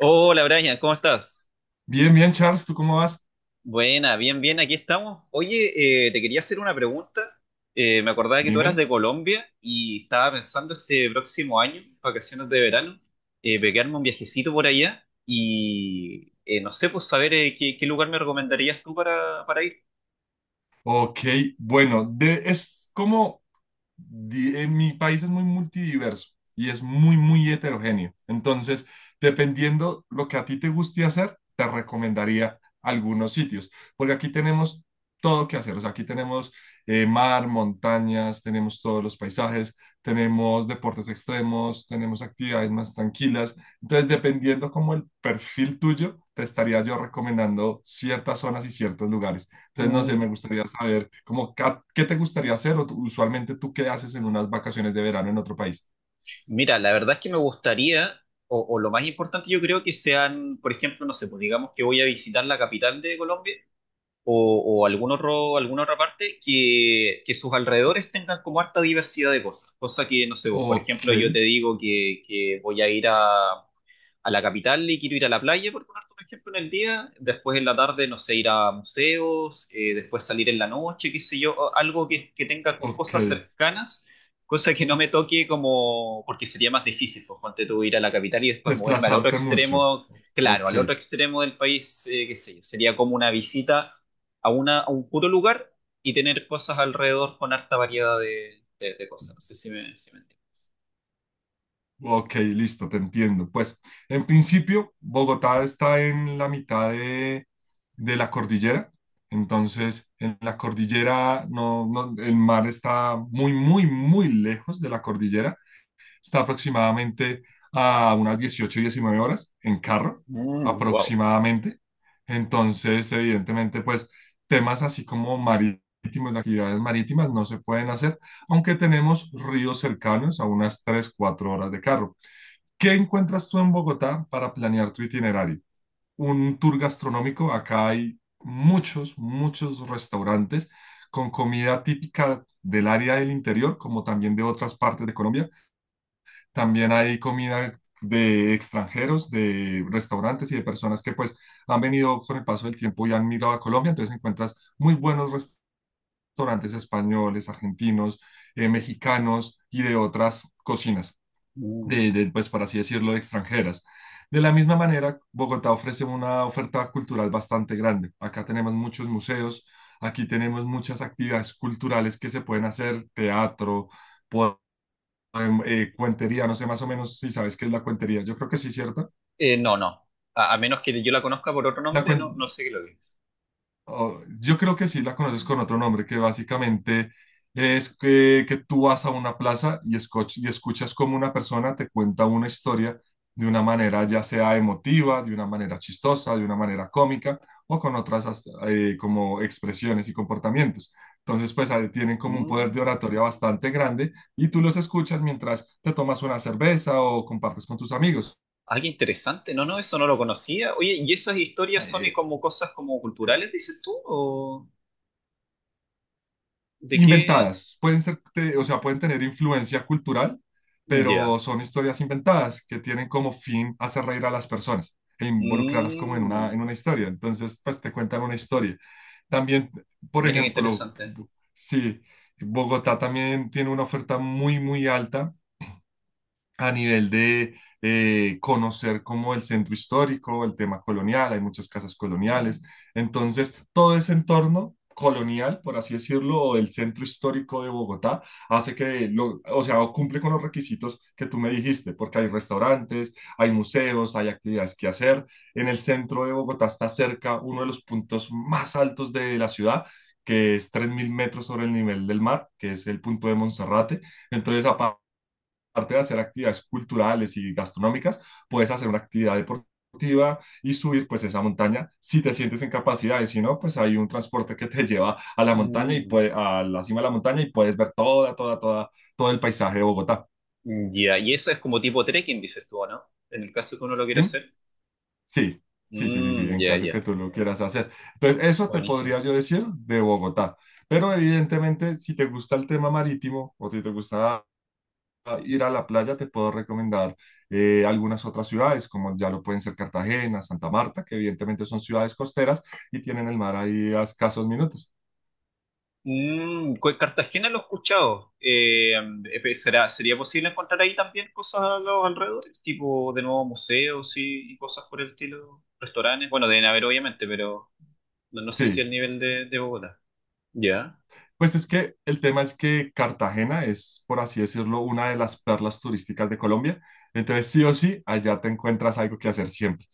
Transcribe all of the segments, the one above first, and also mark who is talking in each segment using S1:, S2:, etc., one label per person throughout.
S1: Hola Brian, ¿cómo estás?
S2: Bien, bien, Charles, ¿tú cómo vas?
S1: Buena, bien, bien, aquí estamos. Oye, te quería hacer una pregunta. Me acordaba que tú eras
S2: Dime.
S1: de Colombia y estaba pensando este próximo año, vacaciones de verano, pegarme un viajecito por allá y no sé, pues saber qué, qué lugar me recomendarías tú para ir.
S2: Ok, bueno, es como mi país es muy multidiverso y es muy, muy heterogéneo. Entonces, dependiendo lo que a ti te guste hacer, te recomendaría algunos sitios, porque aquí tenemos todo que hacer. O sea, aquí tenemos mar, montañas, tenemos todos los paisajes, tenemos deportes extremos, tenemos actividades más tranquilas. Entonces, dependiendo como el perfil tuyo, te estaría yo recomendando ciertas zonas y ciertos lugares. Entonces, no sé, me
S1: Mm,
S2: gustaría saber, como, ¿qué te gustaría hacer? O usualmente, ¿tú qué haces en unas vacaciones de verano en otro país?
S1: mira, la verdad es que me gustaría, o lo más importante yo creo que sean, por ejemplo, no sé, pues digamos que voy a visitar la capital de Colombia o algún otro, alguna otra parte que sus alrededores tengan como harta diversidad de cosas. Cosa que, no sé, vos, por
S2: Ok,
S1: ejemplo, yo te digo que voy a ir a la capital y quiero ir a la playa, por ponerte un ejemplo, en el día, después en la tarde, no sé, ir a museos, después salir en la noche, qué sé yo, o algo que tenga
S2: ok.
S1: cosas cercanas, cosa que no me toque como, porque sería más difícil, pues, ponte tú ir a la capital y después moverme al otro
S2: Desplazarte mucho.
S1: extremo, claro,
S2: Ok,
S1: al otro extremo del país, qué sé yo, sería como una visita a un puro lugar y tener cosas alrededor con harta variedad de cosas, no sé si me entiendo.
S2: ok, listo, te entiendo. Pues, en principio, Bogotá está en la mitad de la cordillera. Entonces, en la cordillera, no, no, el mar está muy, muy, muy lejos de la cordillera. Está aproximadamente a unas 18 19 horas en carro,
S1: Mm, wow.
S2: aproximadamente. Entonces, evidentemente, pues temas así como marítimos, de actividades marítimas no se pueden hacer, aunque tenemos ríos cercanos a unas 3 4 horas de carro. ¿Qué encuentras tú en Bogotá para planear tu itinerario? Un tour gastronómico, acá hay muchos, muchos restaurantes con comida típica del área del interior, como también de otras partes de Colombia. También hay comida de extranjeros, de restaurantes y de personas que pues han venido con el paso del tiempo y han migrado a Colombia. Entonces encuentras muy buenos restaurantes españoles, argentinos, mexicanos y de otras cocinas,
S1: Mm.
S2: pues por así decirlo, extranjeras. De la misma manera, Bogotá ofrece una oferta cultural bastante grande. Acá tenemos muchos museos, aquí tenemos muchas actividades culturales que se pueden hacer, teatro, cuentería, no sé más o menos si sabes qué es la cuentería. Yo creo que sí, ¿cierto?
S1: No, no. A menos que yo la conozca por otro
S2: La
S1: nombre, no, no
S2: cuen-
S1: sé qué lo es.
S2: oh, yo creo que sí la conoces con otro nombre, que básicamente es que tú vas a una plaza y escuchas como una persona te cuenta una historia de una manera ya sea emotiva, de una manera chistosa, de una manera cómica o con otras como expresiones y comportamientos. Entonces, pues ahí tienen como un poder de
S1: Mm.
S2: oratoria bastante grande y tú los escuchas mientras te tomas una cerveza o compartes con tus amigos.
S1: Ah, qué interesante. No, no, eso no lo conocía. Oye, ¿y esas historias son y
S2: Eh,
S1: como cosas como
S2: eh,
S1: culturales, dices tú? ¿O de qué?
S2: Inventadas. Pueden ser, o sea, pueden tener influencia cultural, pero
S1: Ya.
S2: son historias inventadas que tienen como fin hacer reír a las personas e involucrarlas como
S1: Mm.
S2: en una historia. Entonces, pues te cuentan una historia. También, por
S1: Mira qué
S2: ejemplo,
S1: interesante.
S2: sí, Bogotá también tiene una oferta muy, muy alta a nivel de conocer como el centro histórico, el tema colonial, hay muchas casas coloniales. Entonces, todo ese entorno colonial, por así decirlo, o del centro histórico de Bogotá, hace que, o sea, o cumple con los requisitos que tú me dijiste, porque hay restaurantes, hay museos, hay actividades que hacer. En el centro de Bogotá está cerca uno de los puntos más altos de la ciudad, que es 3.000 metros sobre el nivel del mar, que es el punto de Monserrate. Entonces, aparte de hacer actividades culturales y gastronómicas, puedes hacer una actividad deportiva y subir pues esa montaña si te sientes en capacidad y si no, pues hay un transporte que te lleva a la montaña y
S1: Mm.
S2: a la cima de la montaña y puedes ver todo el paisaje de Bogotá.
S1: Ya, y eso es como tipo trekking, dices tú, ¿o no? En el caso que uno lo quiera
S2: Dime.
S1: hacer.
S2: Sí, sí, sí, sí, sí,
S1: Mm,
S2: en
S1: ya,
S2: caso que
S1: ya.
S2: tú lo quieras hacer. Entonces, eso te
S1: Buenísimo.
S2: podría yo decir de Bogotá. Pero evidentemente, si te gusta el tema marítimo o si te gusta ir a la playa, te puedo recomendar algunas otras ciudades, como ya lo pueden ser Cartagena, Santa Marta, que evidentemente son ciudades costeras y tienen el mar ahí a escasos minutos.
S1: Mm, Cartagena lo he escuchado. ¿Será, sería posible encontrar ahí también cosas a los alrededores? Tipo, de nuevo, museos y cosas por el estilo. Restaurantes. Bueno, deben haber, obviamente, pero no, no sé si
S2: Sí.
S1: el nivel de Bogotá. ¿Ya?
S2: Pues es que el tema es que Cartagena es, por así decirlo, una de las perlas turísticas de Colombia. Entonces, sí o sí, allá te encuentras algo que hacer siempre.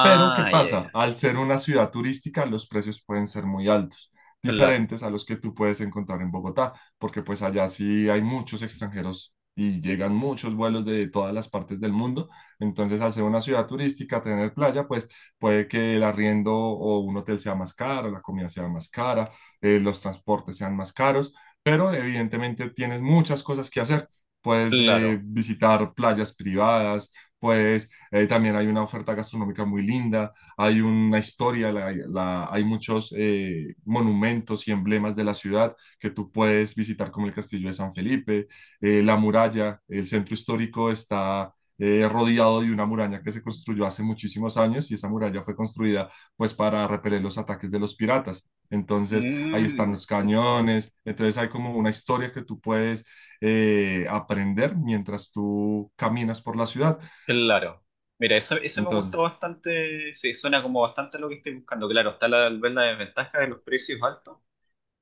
S2: Pero, ¿qué
S1: ya, ya.
S2: pasa? Al ser una ciudad turística, los precios pueden ser muy altos,
S1: Claro,
S2: diferentes a los que tú puedes encontrar en Bogotá, porque pues allá sí hay muchos extranjeros y llegan muchos vuelos de todas las partes del mundo. Entonces, al ser una ciudad turística, tener playa, pues puede que el arriendo o un hotel sea más caro, la comida sea más cara, los transportes sean más caros, pero evidentemente tienes muchas cosas que hacer. Puedes
S1: claro.
S2: visitar playas privadas, pues también hay una oferta gastronómica muy linda, hay una historia, hay muchos monumentos y emblemas de la ciudad que tú puedes visitar, como el Castillo de San Felipe, la muralla, el centro histórico está rodeado de una muralla que se construyó hace muchísimos años y esa muralla fue construida pues para repeler los ataques de los piratas. Entonces, ahí están
S1: Mm,
S2: los cañones, entonces hay como una historia que tú puedes aprender mientras tú caminas por la ciudad.
S1: claro. Mira, eso me
S2: Entonces,
S1: gustó bastante. Sí, suena como bastante lo que estoy buscando. Claro, está la, ver la desventaja de los precios altos.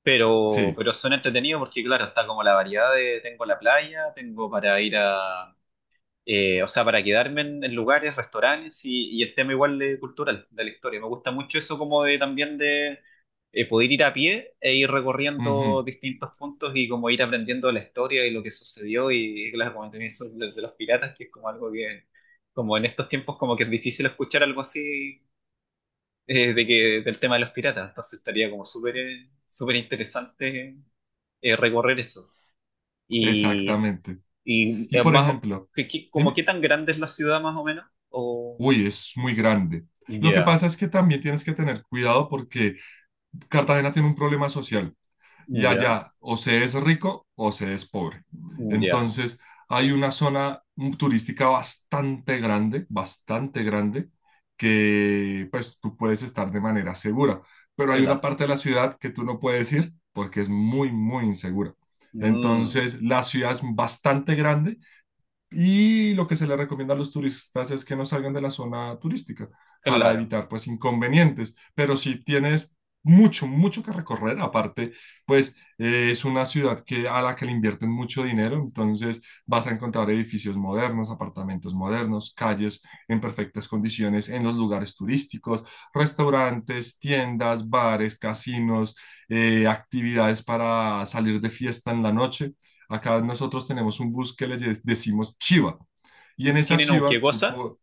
S2: sí,
S1: Pero son entretenidos porque, claro, está como la variedad de tengo la playa, tengo para ir a, o sea, para quedarme en lugares, restaurantes y el tema igual de cultural, de la historia. Me gusta mucho eso como de también de poder ir a pie e ir
S2: ujú,
S1: recorriendo distintos puntos y como ir aprendiendo la historia y lo que sucedió y, claro, como también eso de los piratas, que es como algo que, como en estos tiempos como que es difícil escuchar algo así del tema de los piratas. Entonces estaría como súper súper interesante recorrer eso. Y,
S2: exactamente.
S1: y
S2: Y
S1: es
S2: por
S1: más,
S2: ejemplo,
S1: qué como qué
S2: dime,
S1: tan grande es la ciudad más o menos? O,
S2: uy, es muy grande. Lo que
S1: ya,
S2: pasa es que también tienes que tener cuidado porque Cartagena tiene un problema social. Y
S1: ya,
S2: allá o se es rico o se es pobre.
S1: ya,
S2: Entonces, hay una zona turística bastante grande, que pues tú puedes estar de manera segura, pero hay una
S1: claro.
S2: parte de la ciudad que tú no puedes ir porque es muy, muy insegura.
S1: Mm,
S2: Entonces, la ciudad es bastante grande, y lo que se le recomienda a los turistas es que no salgan de la zona turística para
S1: claro.
S2: evitar pues inconvenientes. Pero si tienes mucho, mucho que recorrer, aparte pues es una ciudad a la que le invierten mucho dinero, entonces vas a encontrar edificios modernos, apartamentos modernos, calles en perfectas condiciones en los lugares turísticos, restaurantes, tiendas, bares, casinos, actividades para salir de fiesta en la noche. Acá nosotros tenemos un bus que le decimos chiva. Y en esa
S1: ¿Tienen un qué
S2: chiva,
S1: cosa?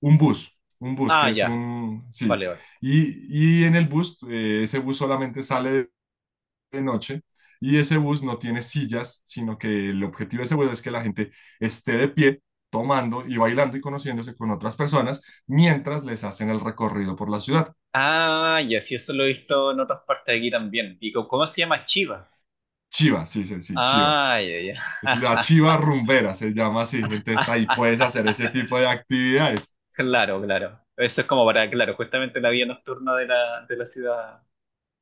S2: un bus
S1: Ah,
S2: que es
S1: ya,
S2: un, sí.
S1: vale, vale.
S2: Y en el bus, ese bus solamente sale de noche y ese bus no tiene sillas, sino que el objetivo de ese bus es que la gente esté de pie, tomando y bailando y conociéndose con otras personas mientras les hacen el recorrido por la ciudad.
S1: Ah, ya, sí, eso lo he visto en otras partes de aquí también. ¿Y cómo se llama Chiva?
S2: Chiva, sí, sí, sí, chiva.
S1: Ah, ya, ya.
S2: La chiva rumbera se llama así. Entonces ahí puedes hacer ese tipo de actividades.
S1: Claro, claro. Eso es como para, claro, justamente la vida nocturna de la ciudad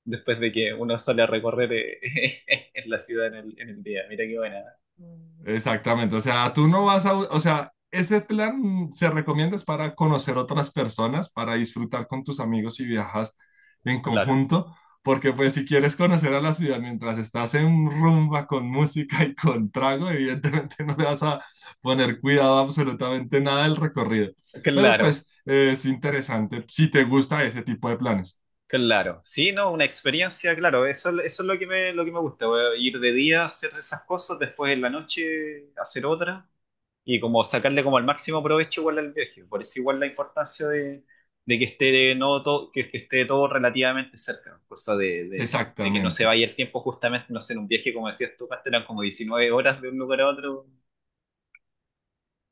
S1: después de que uno sale a recorrer en la ciudad en el día. Mira qué buena.
S2: Exactamente, o sea, tú no vas a, o sea, ese plan se recomienda es para conocer otras personas, para disfrutar con tus amigos y viajas en
S1: Claro,
S2: conjunto, porque pues si quieres conocer a la ciudad mientras estás en rumba con música y con trago, evidentemente no le vas a poner cuidado a absolutamente nada del recorrido, pero pues
S1: claro,
S2: es interesante si te gusta ese tipo de planes.
S1: claro. Sí, no, una experiencia, claro, eso es lo que me gusta, ir de día a hacer esas cosas, después en la noche hacer otra. Y como sacarle como el máximo provecho igual al viaje. Por eso igual la importancia de que esté no todo, que esté todo relativamente cerca, cosa de que no se
S2: Exactamente.
S1: vaya el tiempo justamente, no sé, en un viaje como decías tú, Cast, eran como 19 horas de un lugar a otro,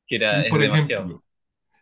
S1: que
S2: Y
S1: era, es
S2: por
S1: demasiado.
S2: ejemplo,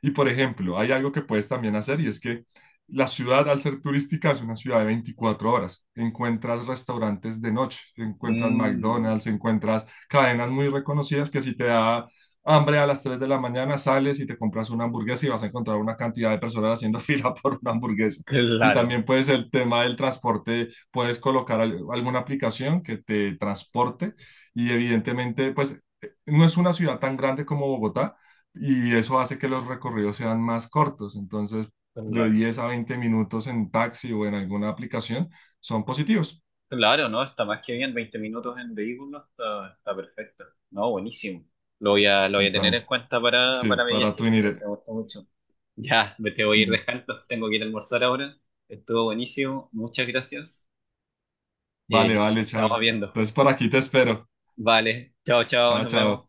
S2: Y por ejemplo, hay algo que puedes también hacer y es que la ciudad, al ser turística, es una ciudad de 24 horas. Encuentras restaurantes de noche, encuentras
S1: Mm,
S2: McDonald's, encuentras cadenas muy reconocidas que si te da hambre a las 3 de la mañana, sales y te compras una hamburguesa y vas a encontrar una cantidad de personas haciendo fila por una hamburguesa. Y
S1: claro,
S2: también puedes el tema del transporte, puedes colocar alguna aplicación que te transporte y evidentemente, pues no es una ciudad tan grande como Bogotá, y eso hace que los recorridos sean más cortos. Entonces, de
S1: claro.
S2: 10 a 20 minutos en taxi o en alguna aplicación son positivos.
S1: Claro, ¿no? Está más que bien, 20 minutos en vehículo, está, está perfecto. No, buenísimo. Lo voy a tener en
S2: Entonces,
S1: cuenta
S2: sí,
S1: para mi
S2: para
S1: viaje,
S2: tu.
S1: excelente, me gustó mucho. Ya, me te voy a ir dejando. Tengo que ir a almorzar ahora. Estuvo buenísimo. Muchas gracias.
S2: Vale,
S1: Y
S2: vale,
S1: nos estamos
S2: Charles.
S1: viendo.
S2: Entonces, por aquí te espero.
S1: Vale. Chao, chao.
S2: Chao,
S1: Nos
S2: chao.
S1: vemos.